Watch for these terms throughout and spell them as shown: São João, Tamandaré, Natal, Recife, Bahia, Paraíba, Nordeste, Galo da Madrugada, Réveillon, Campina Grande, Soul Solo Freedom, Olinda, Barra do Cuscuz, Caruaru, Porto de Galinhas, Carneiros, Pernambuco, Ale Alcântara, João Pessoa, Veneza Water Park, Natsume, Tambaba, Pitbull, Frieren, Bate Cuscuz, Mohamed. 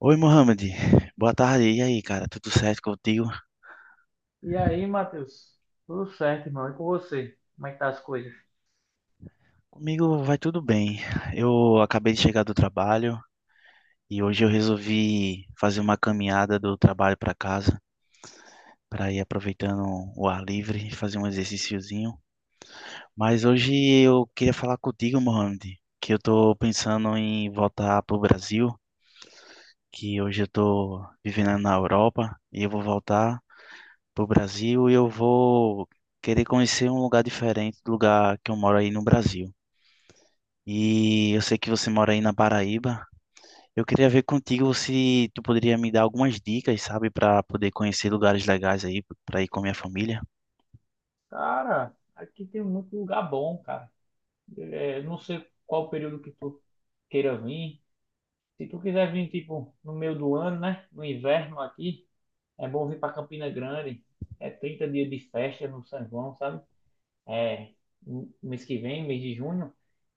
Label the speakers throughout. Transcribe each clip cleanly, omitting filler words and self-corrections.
Speaker 1: Oi, Mohamed. Boa tarde. E aí, cara? Tudo certo contigo?
Speaker 2: E aí, Matheus? Tudo certo, irmão? E com você? Como é que tá as coisas?
Speaker 1: Comigo vai tudo bem. Eu acabei de chegar do trabalho e hoje eu resolvi fazer uma caminhada do trabalho para casa, para ir aproveitando o ar livre, e fazer um exercíciozinho. Mas hoje eu queria falar contigo, Mohamed, que eu tô pensando em voltar pro Brasil, que hoje eu tô vivendo na Europa e eu vou voltar pro Brasil e eu vou querer conhecer um lugar diferente do lugar que eu moro aí no Brasil. E eu sei que você mora aí na Paraíba. Eu queria ver contigo se tu poderia me dar algumas dicas, sabe, para poder conhecer lugares legais aí para ir com a minha família.
Speaker 2: Cara, aqui tem muito lugar bom, cara. É, eu não sei qual período que tu queira vir. Se tu quiser vir, tipo, no meio do ano, né? No inverno aqui, é bom vir pra Campina Grande. É 30 dias de festa no São João, sabe? É no mês que vem, mês de junho.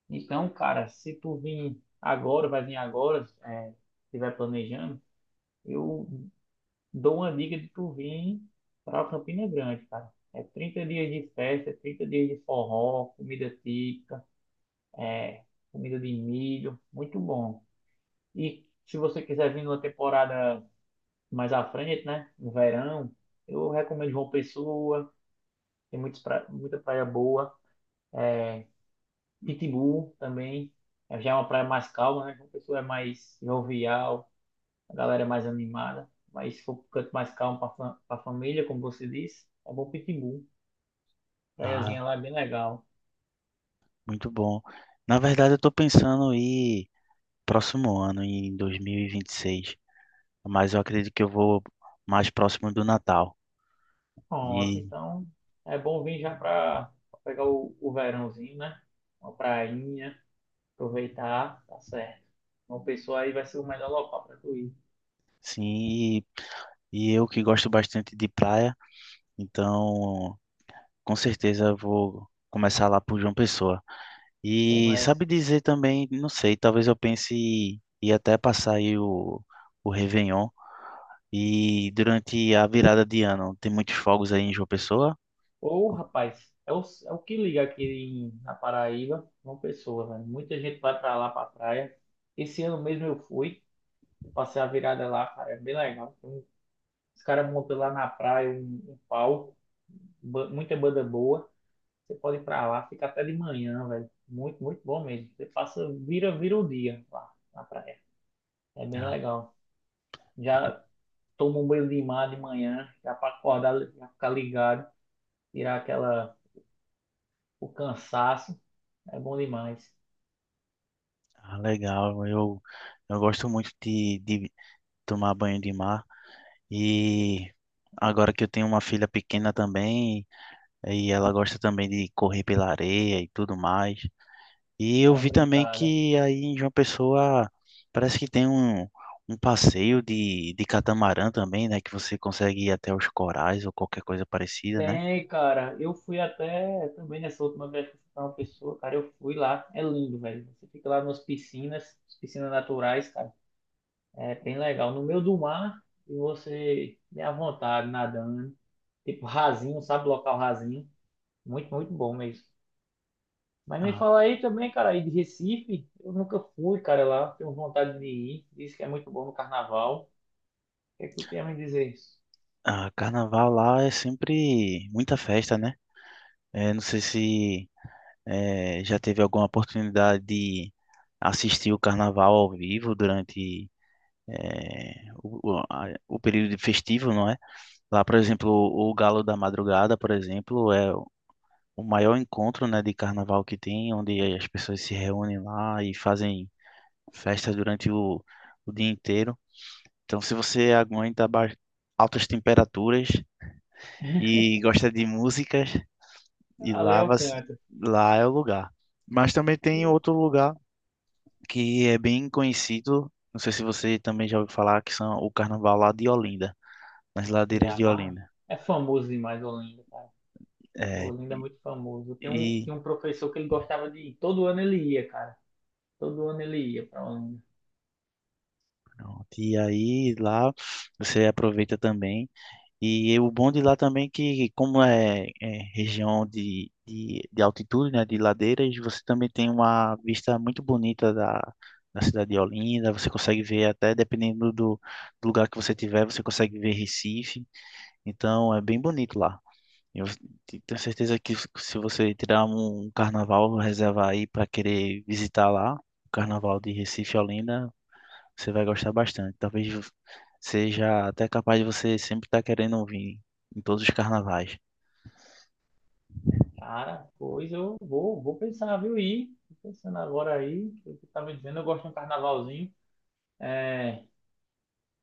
Speaker 2: Então, cara, se tu vir agora, vai vir agora, se tiver planejando, eu dou uma dica de tu vir para Campina Grande, cara. É 30 dias de festa, é 30 dias de forró, comida típica, é, comida de milho, muito bom. E se você quiser vir numa temporada mais à frente, né, no verão, eu recomendo João Pessoa, tem muita praia boa, é, Pitbull também, já é uma praia mais calma, né, João Pessoa é mais jovial, a galera é mais animada, mas se for um canto mais calmo para a família, como você disse, é bom Pitbull.
Speaker 1: Ah,
Speaker 2: Praiazinha lá é bem legal.
Speaker 1: muito bom. Na verdade, eu tô pensando em ir próximo ano, em 2026, mas eu acredito que eu vou mais próximo do Natal.
Speaker 2: Pronto,
Speaker 1: E
Speaker 2: então é bom vir já para pegar o verãozinho, né? Uma prainha, aproveitar, tá certo. Uma pessoa aí vai ser o melhor local para tu ir.
Speaker 1: sim, e, e eu que gosto bastante de praia, então com certeza eu vou começar lá por João Pessoa. E
Speaker 2: Começa.
Speaker 1: sabe dizer também, não sei, talvez eu pense em até passar aí o Réveillon. E durante a virada de ano, tem muitos fogos aí em João Pessoa?
Speaker 2: Ô, rapaz, é o que liga aqui na Paraíba, uma pessoa, velho. Muita gente vai para lá, para praia. Esse ano mesmo eu fui, eu passei a virada lá, cara, é bem legal. Os caras montam lá na praia um palco, muita banda boa. Você pode ir pra lá, fica até de manhã, velho. Muito, muito bom mesmo. Você passa, vira o dia lá na praia. É bem
Speaker 1: Ah,
Speaker 2: legal.
Speaker 1: muito-
Speaker 2: Já toma um banho de mar de manhã, já pra acordar, já ficar ligado, tirar aquela, o cansaço. É bom demais.
Speaker 1: ah, legal, eu gosto muito de tomar banho de mar. E agora que eu tenho uma filha pequena também, e ela gosta também de correr pela areia e tudo mais. E eu
Speaker 2: Dá uma
Speaker 1: vi também
Speaker 2: brincada.
Speaker 1: que aí em João Pessoa parece que tem um passeio de catamarã também, né? Que você consegue ir até os corais ou qualquer coisa parecida, né?
Speaker 2: Tem, cara. Eu fui até também nessa última vez que eu fui pra uma pessoa, cara. Eu fui lá. É lindo, velho. Você fica lá nas piscinas, piscinas naturais, cara. É bem legal. No meio do mar, e você é à vontade nadando. Tipo, rasinho, sabe? Local rasinho. Muito, muito bom mesmo. Mas me
Speaker 1: Ah,
Speaker 2: fala aí também, cara, aí de Recife. Eu nunca fui, cara, lá. Tenho vontade de ir. Diz que é muito bom no carnaval. O que é que tu tem a me dizer?
Speaker 1: ah, carnaval lá é sempre muita festa, né? Não sei se já teve alguma oportunidade de assistir o carnaval ao vivo durante o período festivo, não é? Lá, por exemplo, o Galo da Madrugada, por exemplo, é o maior encontro, né, de carnaval que tem, onde as pessoas se reúnem lá e fazem festa durante o dia inteiro. Então, se você aguenta altas temperaturas e gosta de músicas, e
Speaker 2: Ale
Speaker 1: lá, você-
Speaker 2: Alcântara.
Speaker 1: lá é o lugar. Mas também tem outro lugar que é bem conhecido, não sei se você também já ouviu falar, que são o carnaval lá de Olinda, nas ladeiras de
Speaker 2: Já.
Speaker 1: Olinda.
Speaker 2: É famoso demais Olinda, cara.
Speaker 1: É,
Speaker 2: Olinda é
Speaker 1: e,
Speaker 2: muito famoso. Tem um,
Speaker 1: e,
Speaker 2: tem um professor que ele gostava de ir. Todo ano ele ia, cara. Todo ano ele ia pra Olinda.
Speaker 1: pronto, e aí lá você aproveita também. E o bom de lá também que, como é região de altitude, né, de ladeiras, você também tem uma vista muito bonita da cidade de Olinda. Você consegue ver até, dependendo do lugar que você tiver, você consegue ver Recife. Então, é bem bonito lá. Eu tenho certeza que se você tirar um carnaval, reservar aí para querer visitar lá, o carnaval de Recife e Olinda, você vai gostar bastante. Talvez seja até capaz de você sempre estar querendo ouvir em todos os carnavais.
Speaker 2: Cara, pois eu vou pensar, viu? Ir. Tô pensando agora aí. O que tu tá me dizendo? Eu gosto de um carnavalzinho. É,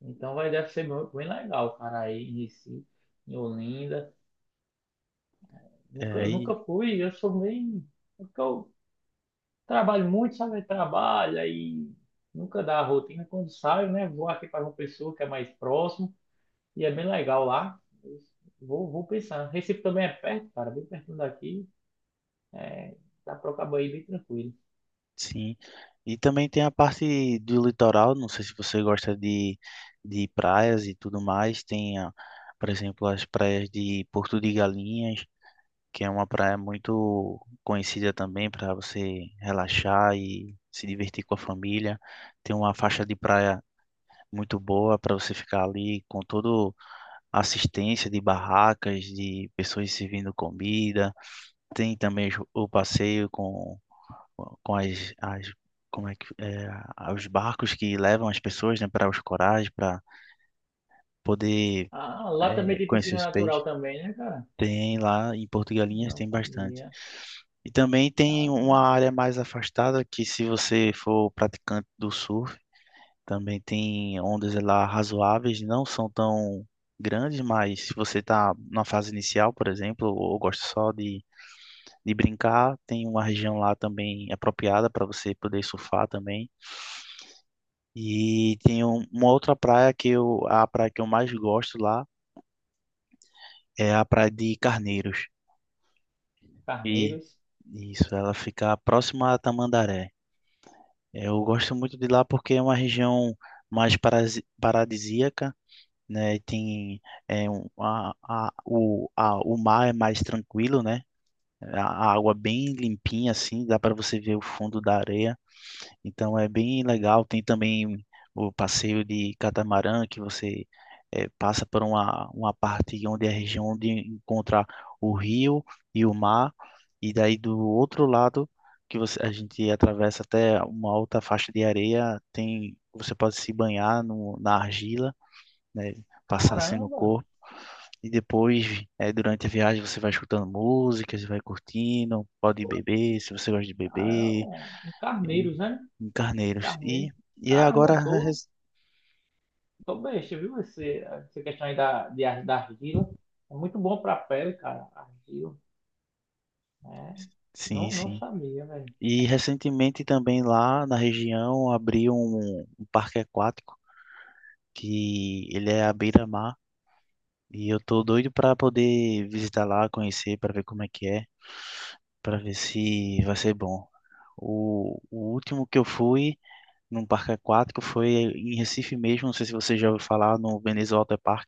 Speaker 2: Então vai, deve ser bem bem legal, cara, aí em Recife, em Olinda.
Speaker 1: É,
Speaker 2: Nunca,
Speaker 1: aí,
Speaker 2: nunca fui, eu sou meio. Porque eu trabalho muito, sabe? Eu trabalho, aí nunca dá a rotina. Quando saio, né? Vou aqui para uma pessoa que é mais próximo e é bem legal lá. Vou pensar. Recife também é perto, cara, bem perto daqui. É, Dá para acabar aí bem tranquilo.
Speaker 1: sim. E também tem a parte do litoral. Não sei se você gosta de praias e tudo mais. Tem, por exemplo, as praias de Porto de Galinhas, que é uma praia muito conhecida também para você relaxar e se divertir com a família. Tem uma faixa de praia muito boa para você ficar ali com todo assistência de barracas, de pessoas servindo comida. Tem também o passeio com as como é que é, os barcos que levam as pessoas, né, para os corais, para poder
Speaker 2: Ah, lá também tem
Speaker 1: conhecer
Speaker 2: piscina
Speaker 1: os peixes.
Speaker 2: natural também, né, cara?
Speaker 1: Tem lá em Porto Galinhas
Speaker 2: Não
Speaker 1: tem bastante.
Speaker 2: sabia.
Speaker 1: E também tem uma
Speaker 2: Caramba.
Speaker 1: área mais afastada que se você for praticante do surf, também tem ondas lá razoáveis, não são tão grandes, mas se você está na fase inicial, por exemplo, ou gosta só de brincar, tem uma região lá também apropriada para você poder surfar também. E tem um- uma outra praia que eu, a praia que eu mais gosto lá é a praia de Carneiros. E
Speaker 2: Carneiros.
Speaker 1: isso, ela fica próxima a Tamandaré. Eu gosto muito de lá porque é uma região mais paradisíaca, né? E tem o mar é mais tranquilo, né? A água bem limpinha, assim, dá para você ver o fundo da areia. Então é bem legal. Tem também o passeio de catamarã, que você passa por uma parte onde é a região onde encontra o rio e o mar. E daí do outro lado, a gente atravessa até uma outra faixa de areia, tem, você pode se banhar no, na argila, né? Passar assim no
Speaker 2: Caramba!
Speaker 1: corpo e depois, durante a viagem, você vai escutando músicas, vai curtindo, pode beber, se você gosta de beber,
Speaker 2: Caramba, em
Speaker 1: e,
Speaker 2: Carneiros, né?
Speaker 1: em Carneiros. E,
Speaker 2: Carneiros.
Speaker 1: e é
Speaker 2: Caramba,
Speaker 1: agora,
Speaker 2: tô, tô besta, viu? Essa questão aí da argila. É muito bom pra pele, cara, argila. Né?
Speaker 1: sim,
Speaker 2: Não
Speaker 1: sim.
Speaker 2: sabia, velho.
Speaker 1: E recentemente também lá na região abriu um parque aquático, que ele é à beira-mar, e eu tô doido para poder visitar lá, conhecer, para ver como é que é, para ver se vai ser bom. O último que eu fui num parque aquático, foi em Recife mesmo, não sei se você já ouviu falar, no Veneza Water Park.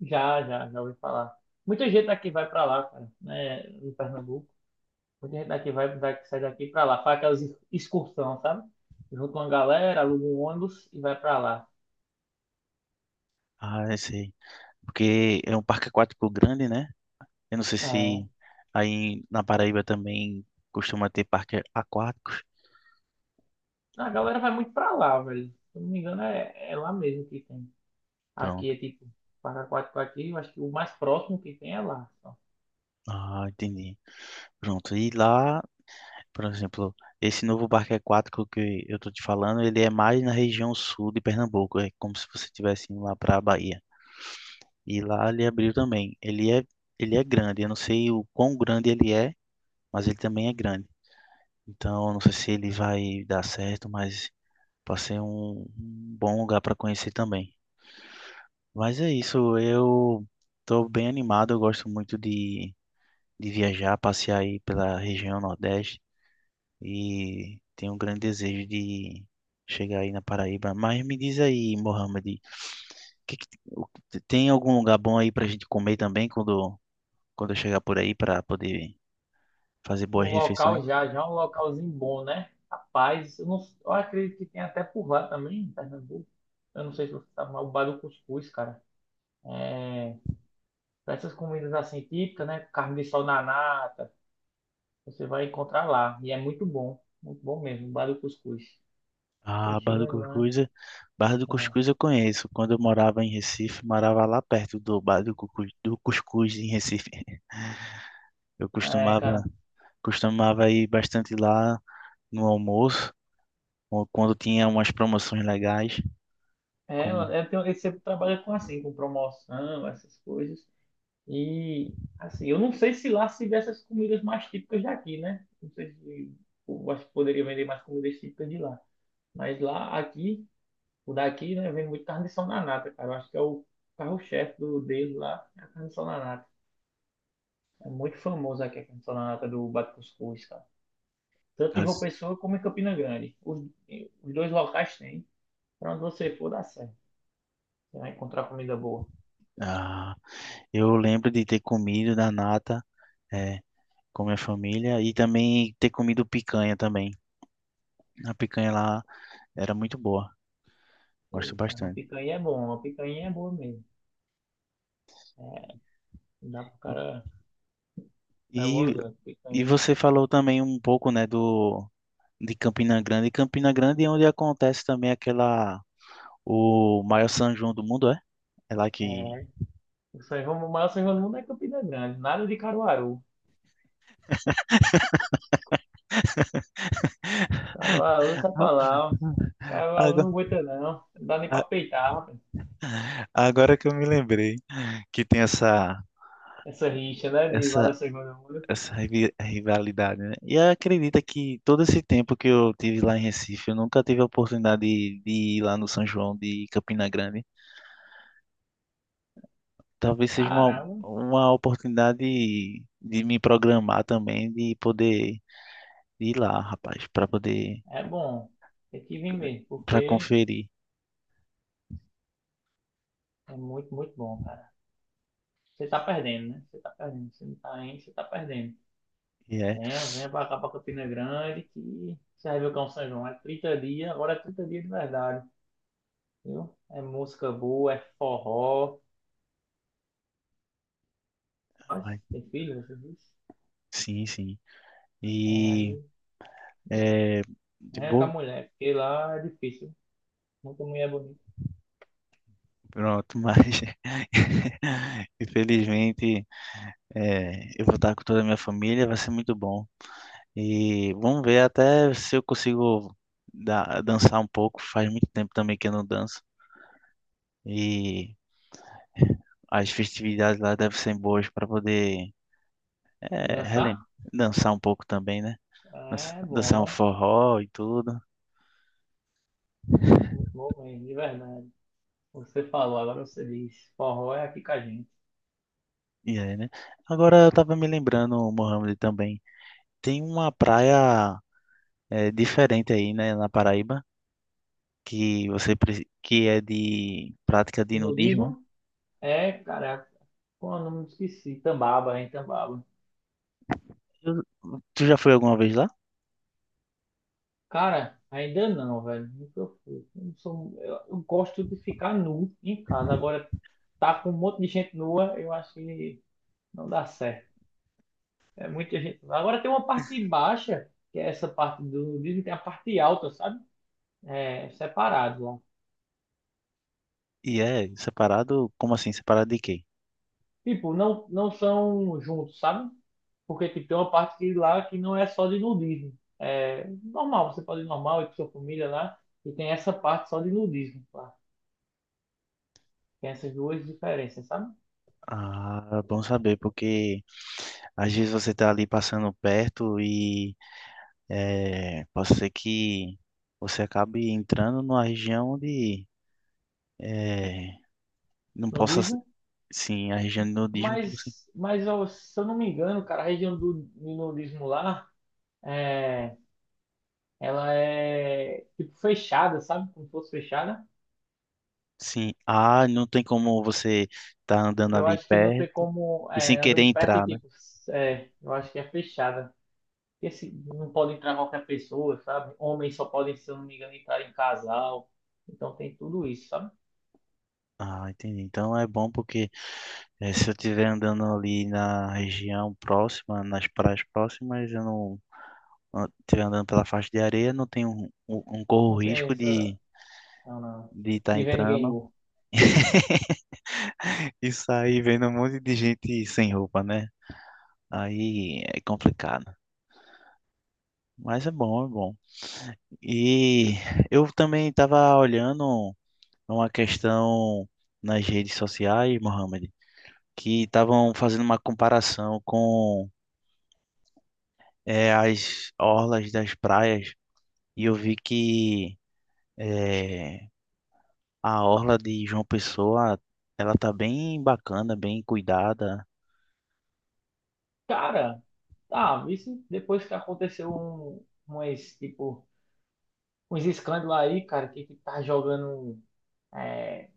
Speaker 2: Já ouvi falar. Muita gente daqui vai pra lá, cara, né? Em Pernambuco. Muita gente daqui vai, vai sai daqui pra lá. Faz aquelas excursão, sabe? Junta uma galera, aluga um ônibus e vai pra lá.
Speaker 1: Ah, eu sei. Porque é um parque aquático grande, né? Eu não sei se
Speaker 2: É.
Speaker 1: aí na Paraíba também costuma ter parques aquáticos.
Speaker 2: A galera vai muito pra lá, velho. Se eu não me engano, é lá mesmo que tem. Aqui
Speaker 1: Pronto.
Speaker 2: é tipo 4 x aqui, eu acho que o mais próximo que tem é lá. Só.
Speaker 1: Ah, entendi. Pronto. E lá, por exemplo, esse novo parque aquático que eu tô te falando, ele é mais na região sul de Pernambuco. É como se você estivesse indo lá para a Bahia. E lá ele abriu também. Ele é grande. Eu não sei o quão grande ele é, mas ele também é grande. Então, eu não sei se ele vai dar certo, mas pode ser um bom lugar para conhecer também. Mas é isso, eu estou bem animado, eu gosto muito de viajar, passear aí pela região Nordeste e tenho um grande desejo de chegar aí na Paraíba. Mas me diz aí, Mohamed, que que- o- tem algum lugar bom aí para a gente comer também quando eu chegar por aí para poder fazer
Speaker 2: Um
Speaker 1: boas refeições?
Speaker 2: local já é um localzinho bom, né? Rapaz, não, eu acredito que tem até por lá também, em Pernambuco. Eu não sei se você sabe, mas o bar do cuscuz, cara. É, Essas comidas assim típicas, né? Carne de sol na nata, você vai encontrar lá. E é muito bom mesmo, o bar do cuscuz. Você
Speaker 1: Ah, Barra do
Speaker 2: chegando lá.
Speaker 1: Cuscuz, Barra do Cuscuz eu conheço. Quando eu morava em Recife, morava lá perto do Barra do Cuscuz, em Recife. Eu
Speaker 2: É, cara.
Speaker 1: costumava ir bastante lá no almoço, ou quando tinha umas promoções legais,
Speaker 2: É, eu
Speaker 1: como
Speaker 2: eu tenho, você trabalha com assim, com promoção, essas coisas. E assim, eu não sei se lá se vê essas comidas mais típicas daqui, né? Não sei se eu acho que poderia vender mais comidas típicas de lá. Mas lá, aqui, o daqui, né, vende muito carne de sol na nata, cara. Eu acho que é o carro-chefe do dele lá, é a carne de sol na nata. É muito famoso aqui a carne de sol na nata do Bate Cuscuz, cara. Tanto em João
Speaker 1: as-
Speaker 2: Pessoa como em Campina Grande. Os dois locais têm. Pra onde você for, dá certo. Você vai encontrar comida boa.
Speaker 1: ah, eu lembro de ter comido na nata, é, com minha família e também ter comido picanha também. A picanha lá era muito boa, gosto
Speaker 2: Eita, uma
Speaker 1: bastante.
Speaker 2: picanha é bom, uma picanha é boa mesmo. É, Não dá pro cara. É
Speaker 1: E,
Speaker 2: bonzinho,
Speaker 1: e
Speaker 2: picanha.
Speaker 1: você falou também um pouco, né, do de Campina Grande. E Campina Grande é onde acontece também aquela, o maior São João do mundo, é? É lá que.
Speaker 2: É. O saivão, o maior saivão do mundo é Campina Grande. Nada de Caruaru. Caruaru, essa
Speaker 1: Ah,
Speaker 2: palavra. Caruaru não
Speaker 1: Agora,
Speaker 2: aguenta, não. Não dá nem pra
Speaker 1: a-
Speaker 2: peitar, rapaz.
Speaker 1: agora que eu me lembrei que tem
Speaker 2: Essa rixa, né? De
Speaker 1: essa,
Speaker 2: maior saivão do mundo.
Speaker 1: essa rivalidade, né? E acredita que todo esse tempo que eu tive lá em Recife, eu nunca tive a oportunidade de ir lá no São João de Campina Grande. Talvez seja uma,
Speaker 2: Caramba,
Speaker 1: uma oportunidade de me programar também, de poder ir lá, rapaz,
Speaker 2: é bom. Tem que vir mesmo,
Speaker 1: para
Speaker 2: porque
Speaker 1: conferir.
Speaker 2: é muito, muito bom, cara. Você tá perdendo, né? Você tá perdendo. Você não tá indo, você tá perdendo.
Speaker 1: E
Speaker 2: Venha, venha pra cá, pra Campina Grande, que você vai ver o que é um São João. É 30 dias, agora é 30 dias de verdade, viu? É música boa, é forró. Mas
Speaker 1: é.
Speaker 2: tem filho, você disse?
Speaker 1: Sim, sim.
Speaker 2: É,
Speaker 1: E
Speaker 2: aí,
Speaker 1: é, de
Speaker 2: é com a
Speaker 1: boa,
Speaker 2: mulher, porque lá é difícil. Muita mulher bonita.
Speaker 1: pronto, mas infelizmente eu vou estar com toda a minha família, vai ser muito bom. E vamos ver até se eu consigo dançar um pouco. Faz muito tempo também que eu não danço. E as festividades lá devem ser boas para poder é,
Speaker 2: Dançar?
Speaker 1: relem- dançar um pouco também, né?
Speaker 2: É
Speaker 1: Dançar um
Speaker 2: bom.
Speaker 1: forró e tudo.
Speaker 2: Muito, muito bom mesmo, de verdade. Você falou, agora você diz. Forró é aqui com a gente.
Speaker 1: E aí, né? Agora eu tava me lembrando, Mohamed, também. Tem uma praia diferente aí, né, na Paraíba, que é de prática de
Speaker 2: E
Speaker 1: nudismo, né?
Speaker 2: nudismo? É, caraca. Pô, não me esqueci. Tambaba, hein, Tambaba.
Speaker 1: Eu- Tu já foi alguma vez lá?
Speaker 2: Cara, ainda não, velho. Nunca fui. Eu, não sou- eu gosto de ficar nu em casa. Agora, tá com um monte de gente nua, eu acho que não dá certo. É muita gente. Agora tem uma parte baixa, que é essa parte do nudismo, tem a parte alta, sabe? É, separado lá.
Speaker 1: E é separado? Como assim? Separado de quê?
Speaker 2: Tipo, não, não são juntos, sabe? Porque tipo, tem uma parte que lá que não é só de nudismo. É normal, você pode ir normal, ir com sua família lá, e tem essa parte só de nudismo lá. Tem essas duas diferenças, sabe?
Speaker 1: Ah, bom saber, porque às vezes você tá ali passando perto e pode ser que você acabe entrando numa região de é, não possa,
Speaker 2: Nudismo,
Speaker 1: sim, a região de nudismo que você.
Speaker 2: mas ó, se eu não me engano, cara, a região do nudismo lá, é, ela é tipo fechada, sabe? Como se fosse fechada.
Speaker 1: Sim. Ah, não tem como você estar andando
Speaker 2: Eu
Speaker 1: ali
Speaker 2: acho que não tem
Speaker 1: perto
Speaker 2: como,
Speaker 1: e sem
Speaker 2: é,
Speaker 1: querer
Speaker 2: andando perto e
Speaker 1: entrar, né?
Speaker 2: tipo, eu acho que é fechada. Porque não pode entrar qualquer pessoa, sabe? Homens só podem, se eu não me engano, entrar em casal. Então tem tudo isso, sabe?
Speaker 1: Ah, entendi. Então é bom porque se eu estiver andando ali na região próxima, nas praias próximas, eu não estiver andando pela faixa de areia, não tenho um, corro
Speaker 2: Não tem
Speaker 1: risco
Speaker 2: essa.
Speaker 1: de
Speaker 2: Não, não.
Speaker 1: de estar
Speaker 2: De ver ninguém
Speaker 1: entrando
Speaker 2: nu.
Speaker 1: e sair vendo um monte de gente sem roupa, né? Aí é complicado. Mas é bom, é bom. E eu também estava olhando, a uma questão nas redes sociais, Mohamed, que estavam fazendo uma comparação com as orlas das praias e eu vi que eh, a orla de João Pessoa ela tá bem bacana, bem cuidada,
Speaker 2: Cara, tá, isso depois que aconteceu umas, tipo, uns escândalos aí, cara, que tá jogando. é,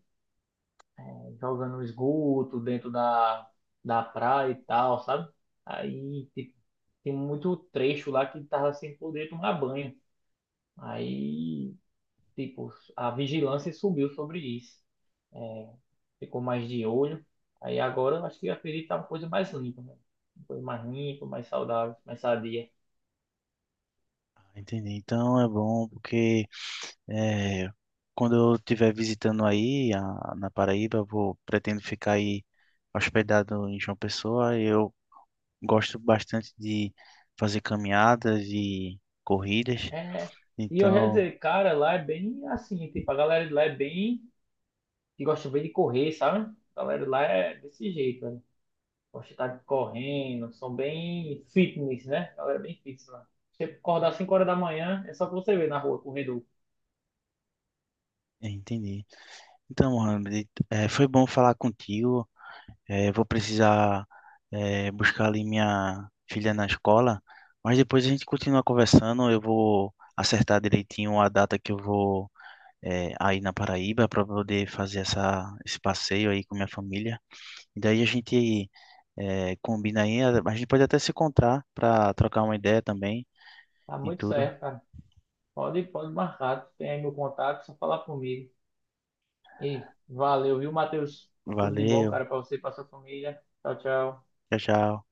Speaker 2: Jogando no esgoto dentro da praia e tal, sabe? Aí tipo, tem muito trecho lá que tava sem poder tomar banho. Aí, tipo, a vigilância subiu sobre isso. Ficou mais de olho. Aí agora eu acho que a ferida tá uma coisa mais limpa, né? Uma coisa mais limpa, mais saudável, mais sadia.
Speaker 1: entende? Então é bom porque eh, quando eu estiver visitando aí na Paraíba, eu vou pretendo ficar aí hospedado em João Pessoa, eu gosto bastante de fazer caminhadas e corridas.
Speaker 2: É. E eu já
Speaker 1: Então,
Speaker 2: dizer, cara, lá é bem assim, tipo, a galera de lá é bem que gosta bem de correr, sabe? A galera de lá é desse jeito, né? Gosto de estar correndo, são bem fitness, né? A galera é bem fitness lá. Se você acordar 5 horas da manhã, é só que você vê na rua, corredor.
Speaker 1: entendi. Então, Mohamed, foi bom falar contigo. Vou precisar, buscar ali minha filha na escola, mas depois a gente continua conversando. Eu vou acertar direitinho a data que eu vou, aí na Paraíba para poder fazer esse passeio aí com minha família. E daí a gente combina aí. A gente pode até se encontrar para trocar uma ideia também
Speaker 2: Tá
Speaker 1: e
Speaker 2: muito
Speaker 1: tudo.
Speaker 2: certo, cara. Pode marcar, tem aí meu contato, só falar comigo. E valeu, viu, Matheus? Tudo de bom,
Speaker 1: Valeu,
Speaker 2: cara, pra você e pra sua família. Tchau, tchau.
Speaker 1: tchau, tchau.